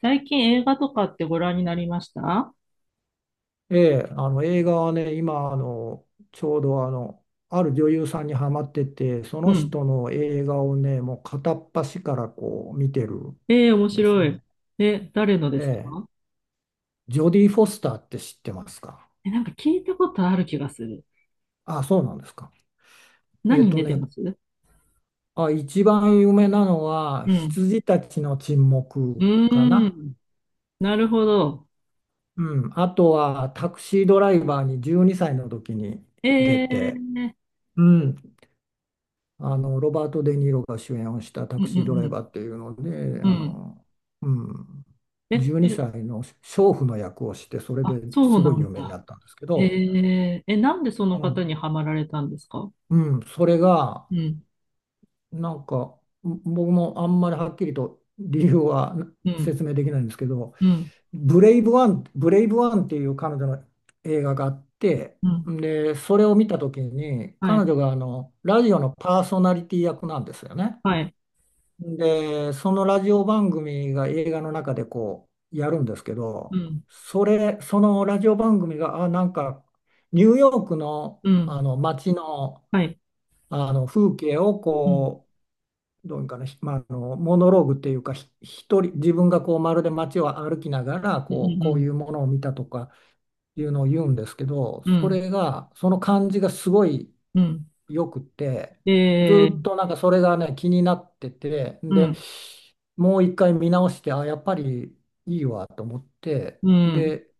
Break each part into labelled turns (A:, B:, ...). A: 最近映画とかってご覧になりました？
B: ええ、あの映画はね、今ちょうどある女優さんにハマってて、そ
A: う
B: の
A: ん。
B: 人の映画をね、もう片っ端からこう見てるん
A: ええ、面
B: です
A: 白い。
B: ね。
A: え、誰ので
B: え
A: すか？
B: え、ジョディ・フォスターって知ってますか？
A: え、なんか聞いたことある気がする。
B: あ、そうなんですか。え
A: 何
B: っ
A: に
B: と
A: 出てま
B: ね、
A: す？
B: あ、一番有名なのは、
A: うん。
B: 羊たちの沈
A: う
B: 黙か
A: ー
B: な。
A: ん。なるほど。
B: うん、あとは、タクシードライバーに12歳の時に出
A: え
B: て、
A: え、
B: うん、ロバート・デ・ニーロが主演をしたタ
A: うんう
B: クシード
A: ん
B: ラ
A: う
B: イ
A: ん。
B: バーっていうので、
A: うん。
B: うん、
A: え、
B: 12
A: それ、
B: 歳の娼婦の役をして、それ
A: あ、
B: で
A: そ
B: す
A: う
B: ご
A: な
B: い有
A: ん
B: 名に
A: だ。
B: なったんですけ
A: え
B: ど、
A: え、え、なんでそ
B: う
A: の方
B: ん、
A: にハマられたんですか？
B: うん、それが、
A: うん、
B: なんか、僕もあんまりはっきりと理由は
A: うん、
B: 説明できないんですけど、
A: うん、
B: ブレイブワンっていう彼女の映画があって、
A: うん。
B: で、それを見たときに、
A: は
B: 彼
A: い、
B: 女がラジオのパーソナリティ役なんですよね。
A: はい、
B: で、そのラジオ番組が映画の中でこうやるんですけ
A: う
B: ど、
A: ん、
B: そのラジオ番組が、あ、なんかニューヨークの、
A: うん、
B: あの街の、
A: はい、
B: あの風景を
A: うん、
B: こう、どういうかな、ひまあ、あのモノローグっていうか、一人、自分がこうまるで街を歩きながら
A: う
B: こう、こう
A: ん、
B: いうものを見たとかいうのを言うんですけど、
A: うん、う
B: そ
A: ん、
B: れが、その感じがすごい
A: うん。
B: よくて、ず
A: ええ、
B: っとなんかそれがね、気になってて、
A: う
B: で、
A: ん。
B: もう一回見直して、あ、やっぱりいいわと思って、
A: うん。
B: で、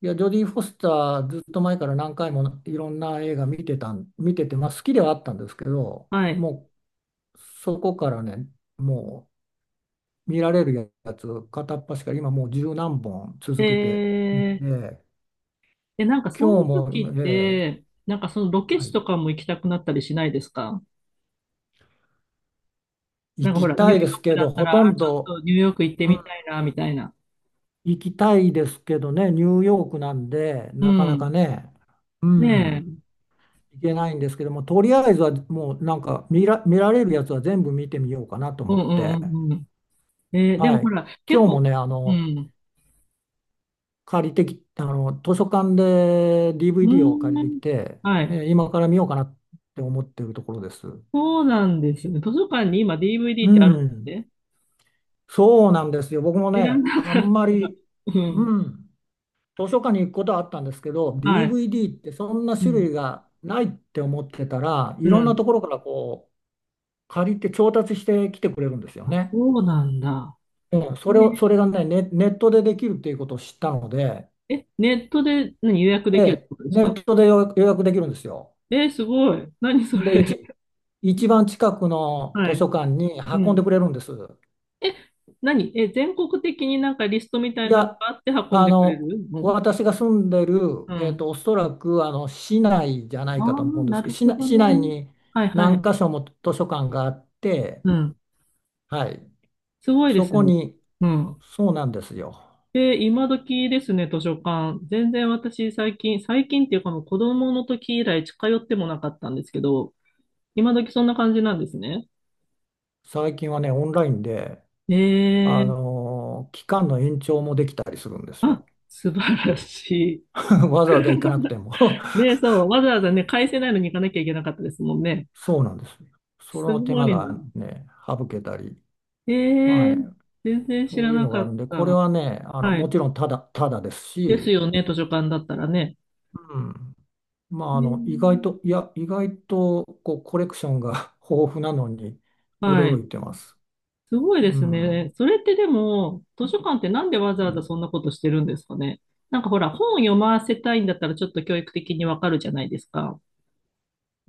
B: いや、ジョディ・フォスターずっと前から何回もいろんな映画見てて、まあ好きではあったんですけど、
A: はい。
B: もうそこからね、もう見られるやつ片っ端から今もう十何本続けて
A: え
B: 見
A: ー、
B: て、
A: え、なんかそう
B: 今
A: いう
B: 日も
A: 時っ
B: ね、
A: て、なんかそのロケ
B: は
A: 地
B: い、
A: とかも行きたくなったりしないですか？な
B: 行
A: んかほ
B: き
A: ら、ニ
B: た
A: ュー
B: い
A: ヨ
B: です
A: ーク
B: け
A: だ
B: ど、
A: った
B: ほと
A: ら、あ、
B: ん
A: ちょっ
B: ど、
A: とニューヨーク行っ
B: う
A: てみたいな、みたいな。
B: 行きたいですけどね、ニューヨークなんで、
A: う
B: なかな
A: ん。
B: かね、う
A: ね
B: ん、
A: え。
B: 行けないんですけども、とりあえずはもうなんか見られるやつは全部見てみようかなと
A: う
B: 思
A: んう
B: っ
A: ん
B: て、
A: うんうん。えーでも
B: は
A: ほ
B: い、
A: ら、結
B: 今日も
A: 構、
B: ね、あ
A: う
B: の、
A: ん。
B: 借りてき、あの、図書館で
A: う
B: DVD を借
A: ー
B: りて
A: ん。
B: きて、
A: はい。
B: 今から見ようかなって思ってるところです。
A: そうなんですよね。図書館に今 DVD っ
B: う
A: てあるんで
B: ん、
A: すね。
B: そうなんですよ。僕も
A: 知ら
B: ね、
A: な
B: あ
A: かった。
B: んまり、
A: うん。
B: うん。図書館に行くことはあったんですけど、
A: はい。
B: DVD ってそんな
A: う
B: 種
A: ん。
B: 類がないって思ってたら、い
A: う
B: ろんな
A: ん。
B: ところからこう借りて調達してきてくれるんですよ
A: あ、
B: ね。
A: そうなんだ。
B: うん、
A: えー、
B: それがね、ネットでできるっていうことを知ったので、
A: え、ネットで何予約できるって
B: で、
A: ことです
B: ネ
A: か？
B: ットで予約できるんですよ。
A: えすごい。何そ
B: で、
A: れ。
B: 一番近く の
A: は
B: 図書
A: い。
B: 館に
A: う
B: 運んで
A: ん。
B: くれるんです。
A: え、何、え、全国的になんかリストみた
B: い
A: いなの
B: や、
A: があって運ん
B: あ
A: でくれ
B: の、
A: るの？
B: 私が住んでる、
A: うん。
B: おそらくあの市内じゃな
A: あ
B: い
A: あ、
B: かと思うんで
A: な
B: すけど、
A: るほど
B: 市
A: ね。
B: 内に
A: はいは
B: 何
A: い。
B: 箇所も図書館があって、
A: うん。
B: はい、
A: すごいで
B: そ
A: す
B: こ
A: ね。
B: に、
A: うん。
B: そうなんですよ。
A: で、今時ですね、図書館。全然私最近、最近っていうかもう子供の時以来近寄ってもなかったんですけど、今時そんな感じなんですね。
B: 最近はね、オンラインで、
A: ええ、
B: 期間の延長もできたりするんです
A: あ、
B: よ。
A: 素晴らしい。
B: わざわざ行かなくても
A: ね、そう、わざわざね、返せないのに行かなきゃいけなかったですもんね。
B: そうなんです。そ
A: す
B: の手
A: ご
B: 間
A: いな。
B: がね、省けたり、
A: え
B: は
A: え、
B: い、
A: 全然知
B: そ
A: ら
B: ういう
A: な
B: のが
A: か
B: ある
A: っ
B: んで、これ
A: た。
B: はね、
A: は
B: も
A: い。
B: ちろんただです
A: です
B: し、
A: よね、図書館だったらね。
B: うんまあ、
A: ええ、
B: 意外と、こう、コレクションが 豊富なのに
A: は
B: 驚
A: い。
B: いてます。
A: すごいで
B: う
A: すね。
B: ん、
A: それってでも、図書館ってなんでわざ
B: う
A: わざ
B: ん、
A: そんなことしてるんですかね。なんかほら、本読ませたいんだったらちょっと教育的にわかるじゃないですか。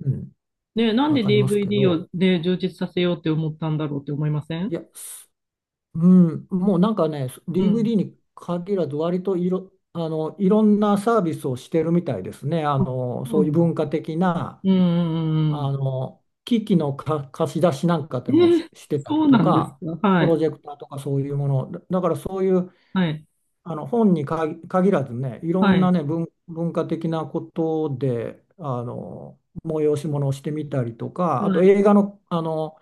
B: うん、
A: ね、なん
B: わ
A: で
B: かりますけ
A: DVD
B: ど、
A: をね、充実させようって思ったんだろうって思いません？
B: いや、すうん、もうなんかね、
A: うん。
B: DVD に限らず、割といろんなサービスをしてるみたいですね。
A: あ、そう
B: そう
A: な
B: いう
A: の。
B: 文化的な、
A: うんうんうんうん。
B: 機器の貸し出しなんかで
A: えー、
B: してた
A: そ
B: り
A: う
B: と
A: なんです
B: か、
A: か。は
B: プロ
A: い。
B: ジェクターとかそういうもの、だからそういう、
A: はい。
B: 本に限らずね、いろ
A: は
B: んな
A: い。
B: ね、文化的なことで、催し物をしてみたりとか、あ
A: は
B: と
A: い。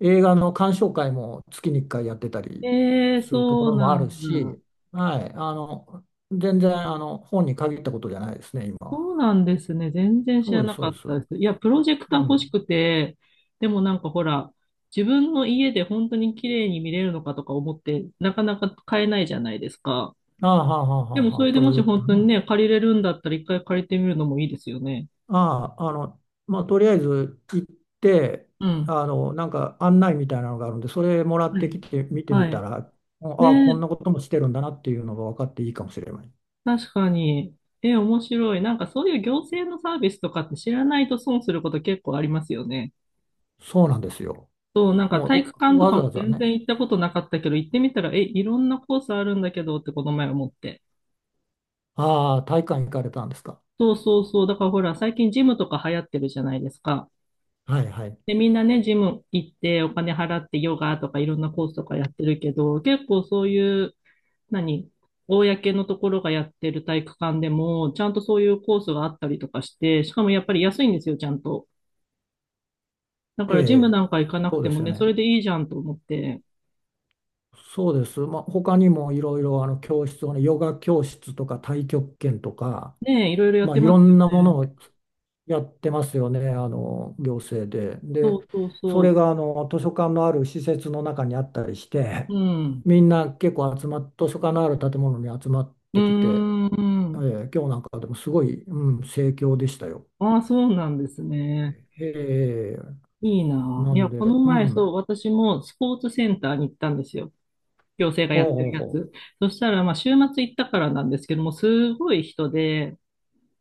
B: 映画の鑑賞会も月に1回やってたり
A: ええ、
B: するとこ
A: そう
B: ろもあ
A: なん
B: る
A: だ。
B: し、はい、全然、本に限ったことじゃないですね、今は。
A: そうなんですね。全然知
B: そ
A: ら
B: うです、
A: な
B: そ
A: か
B: う
A: っ
B: です。
A: たです。いや、プロジェク
B: う
A: ター欲し
B: ん。
A: くて、でもなんかほら、自分の家で本当に綺麗に見れるのかとか思って、なかなか買えないじゃないですか。
B: ああ、はあ、はあ、は
A: でも
B: あ、
A: そ
B: はあ
A: れで
B: プロ
A: も
B: ジ
A: し
B: ェクタ
A: 本
B: ー
A: 当に
B: ね。
A: ね、借りれるんだったら一回借りてみるのもいいですよね。
B: ああ、まあ、とりあえず行って、
A: うん。
B: なんか案内みたいなのがあるんで、それもらっ
A: は
B: て
A: い。
B: きて見て
A: は
B: みた
A: い。
B: ら、ああ、こん
A: ね、
B: なこともしてるんだなっていうのが分かっていいかもしれない。
A: 確かに。え、面白い。なんかそういう行政のサービスとかって知らないと損すること結構ありますよね。
B: そうなんですよ。
A: そう、なんか
B: も
A: 体
B: う
A: 育
B: お
A: 館と
B: わ
A: か
B: ざわ
A: も
B: ざ
A: 全
B: ね、
A: 然行ったことなかったけど、行ってみたら、え、いろんなコースあるんだけどってこの前思って。
B: ああ、体育館行かれたんですか？
A: そうそうそう。だからほら、最近ジムとか流行ってるじゃないですか。
B: はいはい。
A: で、みんなね、ジム行ってお金払ってヨガとかいろんなコースとかやってるけど、結構そういう、何公のところがやってる体育館でも、ちゃんとそういうコースがあったりとかして、しかもやっぱり安いんですよ、ちゃんと。だか
B: え
A: らジムな
B: え、
A: んか行かなく
B: そう
A: て
B: で
A: も
B: すよ
A: ね、それ
B: ね。
A: でいいじゃんと思って、
B: そうです。まあ、他にもいろいろあの教室をね、ヨガ教室とか太極拳とか、
A: ねえ、いろいろやっ
B: まあ、
A: て
B: い
A: ま
B: ろ
A: すよ
B: んなもの
A: ね。
B: をやってますよね、あの行政で。
A: そ
B: で、
A: うそう
B: それ
A: そ
B: があの図書館のある施設の中にあったりし
A: う。
B: て、
A: うん。
B: みんな結構集まっ、図書館のある建物に集まっ
A: う
B: てきて、
A: ーん。
B: 今日なんかでもすごい、うん、盛況でしたよ。
A: ああ、そうなんですね。
B: えー
A: いいな。
B: な
A: い
B: ん
A: や、
B: で、
A: この
B: う
A: 前、
B: ん、
A: そう、私もスポーツセンターに行ったんですよ。行政がや
B: ほう
A: って
B: ほ
A: る
B: う
A: や
B: ほ
A: つ。そしたら、まあ、週末行ったからなんですけども、すごい人で、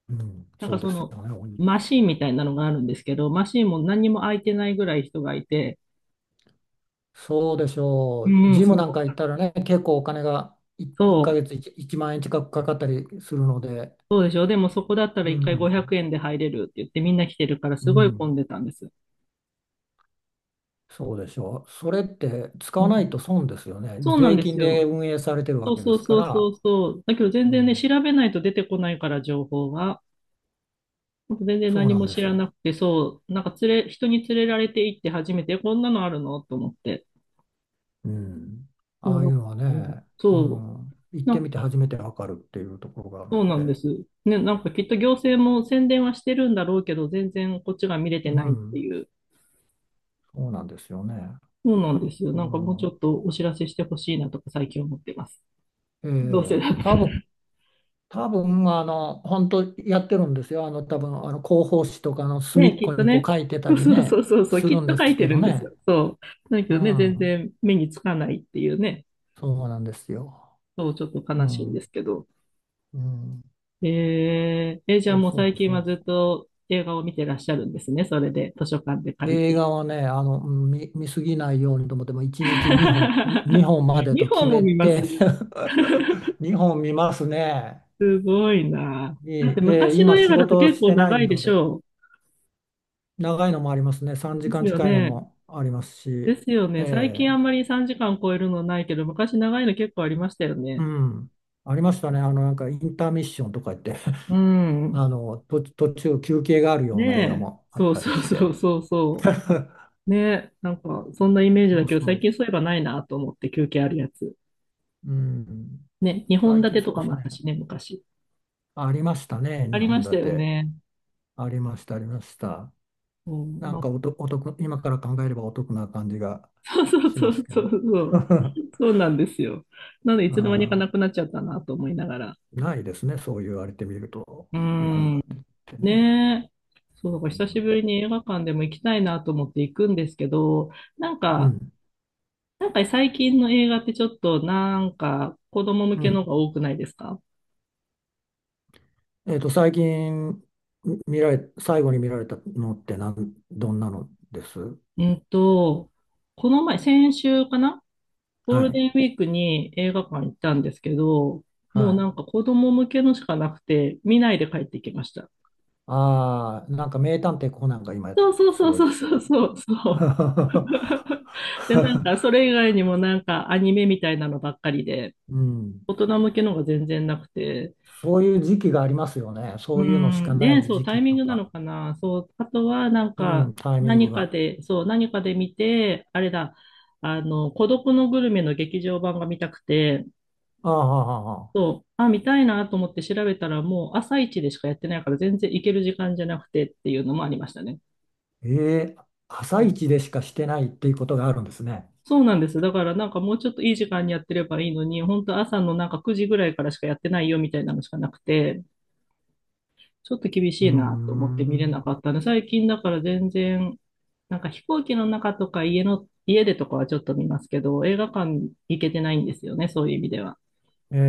B: う、うん、
A: なん
B: そ
A: か
B: うで
A: そ
B: す
A: の、
B: よね、
A: マシーンみたいなのがあるんですけど、マシーンも何にも空いてないぐらい人がいて、
B: そうでしょう、
A: うん、
B: ジ
A: す
B: ムなん
A: ご
B: か
A: か
B: 行っ
A: っ
B: たら
A: た。
B: ね、結構お金が
A: そ
B: 1ヶ
A: う
B: 月1、一万円近くかかったりするので、
A: そうでしょ。でもそこだったら
B: う
A: 一回
B: ん、
A: 500円で入れるって言ってみんな来てるから
B: う
A: すごい混
B: ん。
A: んでたんです。
B: そうでしょう。それって使わ
A: う
B: ない
A: ん。
B: と損ですよね。
A: そうなん
B: 税
A: で
B: 金
A: す
B: で
A: よ。
B: 運営されてる
A: そ
B: わ
A: う
B: けで
A: そう
B: すか
A: そうそ
B: ら、
A: うそう。だけど全
B: う
A: 然ね、調
B: ん。
A: べないと出てこないから情報が。ほんと全然
B: そう
A: 何
B: なん
A: も
B: で
A: 知
B: す
A: ら
B: よ。
A: なくて、そう、なんか連れ、人に連れられて行って初めて、こんなのあるのと思って。
B: うん。ああいう
A: そ
B: のは
A: う、う
B: ね、
A: ん
B: う
A: そ
B: ん、行
A: う、
B: っ
A: な
B: て
A: ん
B: みて
A: か、
B: 初めてわかるっていうところがある
A: そう
B: の
A: なんで
B: で、
A: す。ね、なんかきっと行政も宣伝はしてるんだろうけど、全然こっちが見れて
B: う
A: ないって
B: ん、
A: いう。
B: そうなんですよね。
A: そうなんですよ。
B: う
A: なんかもうちょっ
B: ん、
A: とお知らせしてほしいなとか最近思ってます。
B: え
A: どうせ
B: え、
A: だったら。
B: 多分、本当やってるんですよ。多分、広報誌とかの隅
A: ね、
B: っ
A: き
B: こ
A: っと
B: にこう
A: ね。
B: 書いてた
A: そう
B: り
A: そうそう
B: ね、
A: そうそう、
B: す
A: き
B: る
A: っ
B: ん
A: と
B: で
A: 書い
B: す
A: て
B: け
A: る
B: ど
A: んですよ。
B: ね。
A: そう。だけ
B: う
A: どね、全
B: ん、
A: 然目につかないっていうね。
B: そうなんですよ。
A: そう、ちょっと
B: う
A: 悲しいんで
B: ん、
A: すけど。
B: うん。
A: えー、え、じゃ
B: そ
A: あ
B: う
A: もう
B: そ
A: 最
B: う
A: 近
B: そ
A: は
B: う
A: ずっ
B: そ
A: と映画を見てらっしゃるんですね。それで、図書館で
B: う。
A: 借
B: 映
A: りて。
B: 画はね、見すぎないようにと思って、もう1日2本までと
A: 2
B: 決
A: 本も
B: め
A: 見ます？
B: て 2本見ますね。
A: すごいな。
B: いい
A: だって
B: えー
A: 昔の
B: 今
A: 映
B: 仕
A: 画だと
B: 事
A: 結
B: し
A: 構
B: てない
A: 長いで
B: の
A: し
B: で、
A: ょ
B: 長いのもありますね。3
A: う。で
B: 時
A: す
B: 間
A: よ
B: 近いの
A: ね。
B: もありますし、
A: ですよ
B: え
A: ね。最近あ
B: え
A: んまり3時間超えるのないけど、昔長いの結構ありましたよ
B: う
A: ね。
B: ん。ありましたね。なんかインターミッションとか言って、
A: うん。
B: 途中休憩があるような映画
A: ねえ、
B: もあっ
A: そう
B: たり
A: そう
B: し
A: そ
B: て。
A: うそう そう。ねえ、なんかそんなイメージ
B: そ
A: だ
B: う
A: けど、
B: そ
A: 最
B: う。
A: 近そういえばないなと思って休憩あるやつ。
B: うん。
A: ね、2本
B: 最
A: 立
B: 近
A: てと
B: そう
A: か
B: です
A: もあった
B: ね。
A: しね、昔。
B: ありましたね、
A: あ
B: 日
A: りま
B: 本
A: し
B: 立
A: たよ
B: て。
A: ね。
B: ありました、ありました。
A: うん、
B: なん
A: な、
B: かお得、今から考えればお得な感じが
A: そうそう
B: し
A: そ
B: ます
A: う
B: け
A: そ
B: ど。
A: うそう。そうなんですよ。なので、い
B: う
A: つの間にかな
B: ん、
A: くなっちゃったなと思いながら。
B: ないですね、そう言われてみると、
A: う
B: 日本
A: ん。
B: 立てってね。
A: ねえ。そう、だから久しぶりに映画館でも行きたいなと思って行くんですけど、なん
B: う
A: か、
B: ん、
A: なんか最近の映画ってちょっとなんか子供向
B: う
A: け
B: ん。
A: のが多くないですか？
B: 最近み見られ、最後に見られたのってどんなのです？
A: えっと、この前、先週かな、ゴー
B: は
A: ル
B: い。
A: デンウィークに映画館行ったんですけど、
B: は
A: もうな
B: い。
A: んか子供向けのしかなくて、見ないで帰ってきました。
B: ああ、なんか名探偵コナンが今、
A: そうそう
B: す
A: そう
B: ごい
A: そう
B: 人
A: そう
B: が。
A: そうそう。で、なんかそれ 以外にもなんかアニメみたいなのばっかりで、
B: うん。
A: 大人向けのが全然なくて、
B: そういう時期がありますよね。
A: う
B: そういうのしか
A: ん、
B: な
A: ね、
B: い
A: そう、
B: 時
A: タイ
B: 期
A: ミン
B: と
A: グな
B: か、
A: のかな。そう、あとはなん
B: う
A: か
B: ん、タイミングが。
A: 何かで見て、あれだ、あの、孤独のグルメの劇場版が見たくて、
B: ああ、ああああ
A: そう、あ、見たいなと思って調べたら、もう朝一でしかやってないから、全然行ける時間じゃなくてっていうのもありましたね。
B: ええ朝
A: うん、
B: 一でしかしてないっていうことがあるんですね。
A: そうなんです。だから、なんかもうちょっといい時間にやってればいいのに、本当朝のなんか9時ぐらいからしかやってないよみたいなのしかなくて、ちょっと厳
B: う
A: し
B: ー
A: いなと思って見れな
B: ん。
A: かったので、最近だから全然、なんか飛行機の中とか家でとかはちょっと見ますけど、映画館行けてないんですよね、そういう意味では。
B: えええ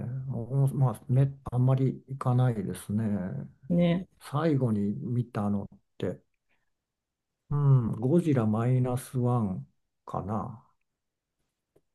B: えええまあ、あんまり行かないですね。
A: ね。
B: 最後に見たのって、うん、ゴジラマイナスワンかな。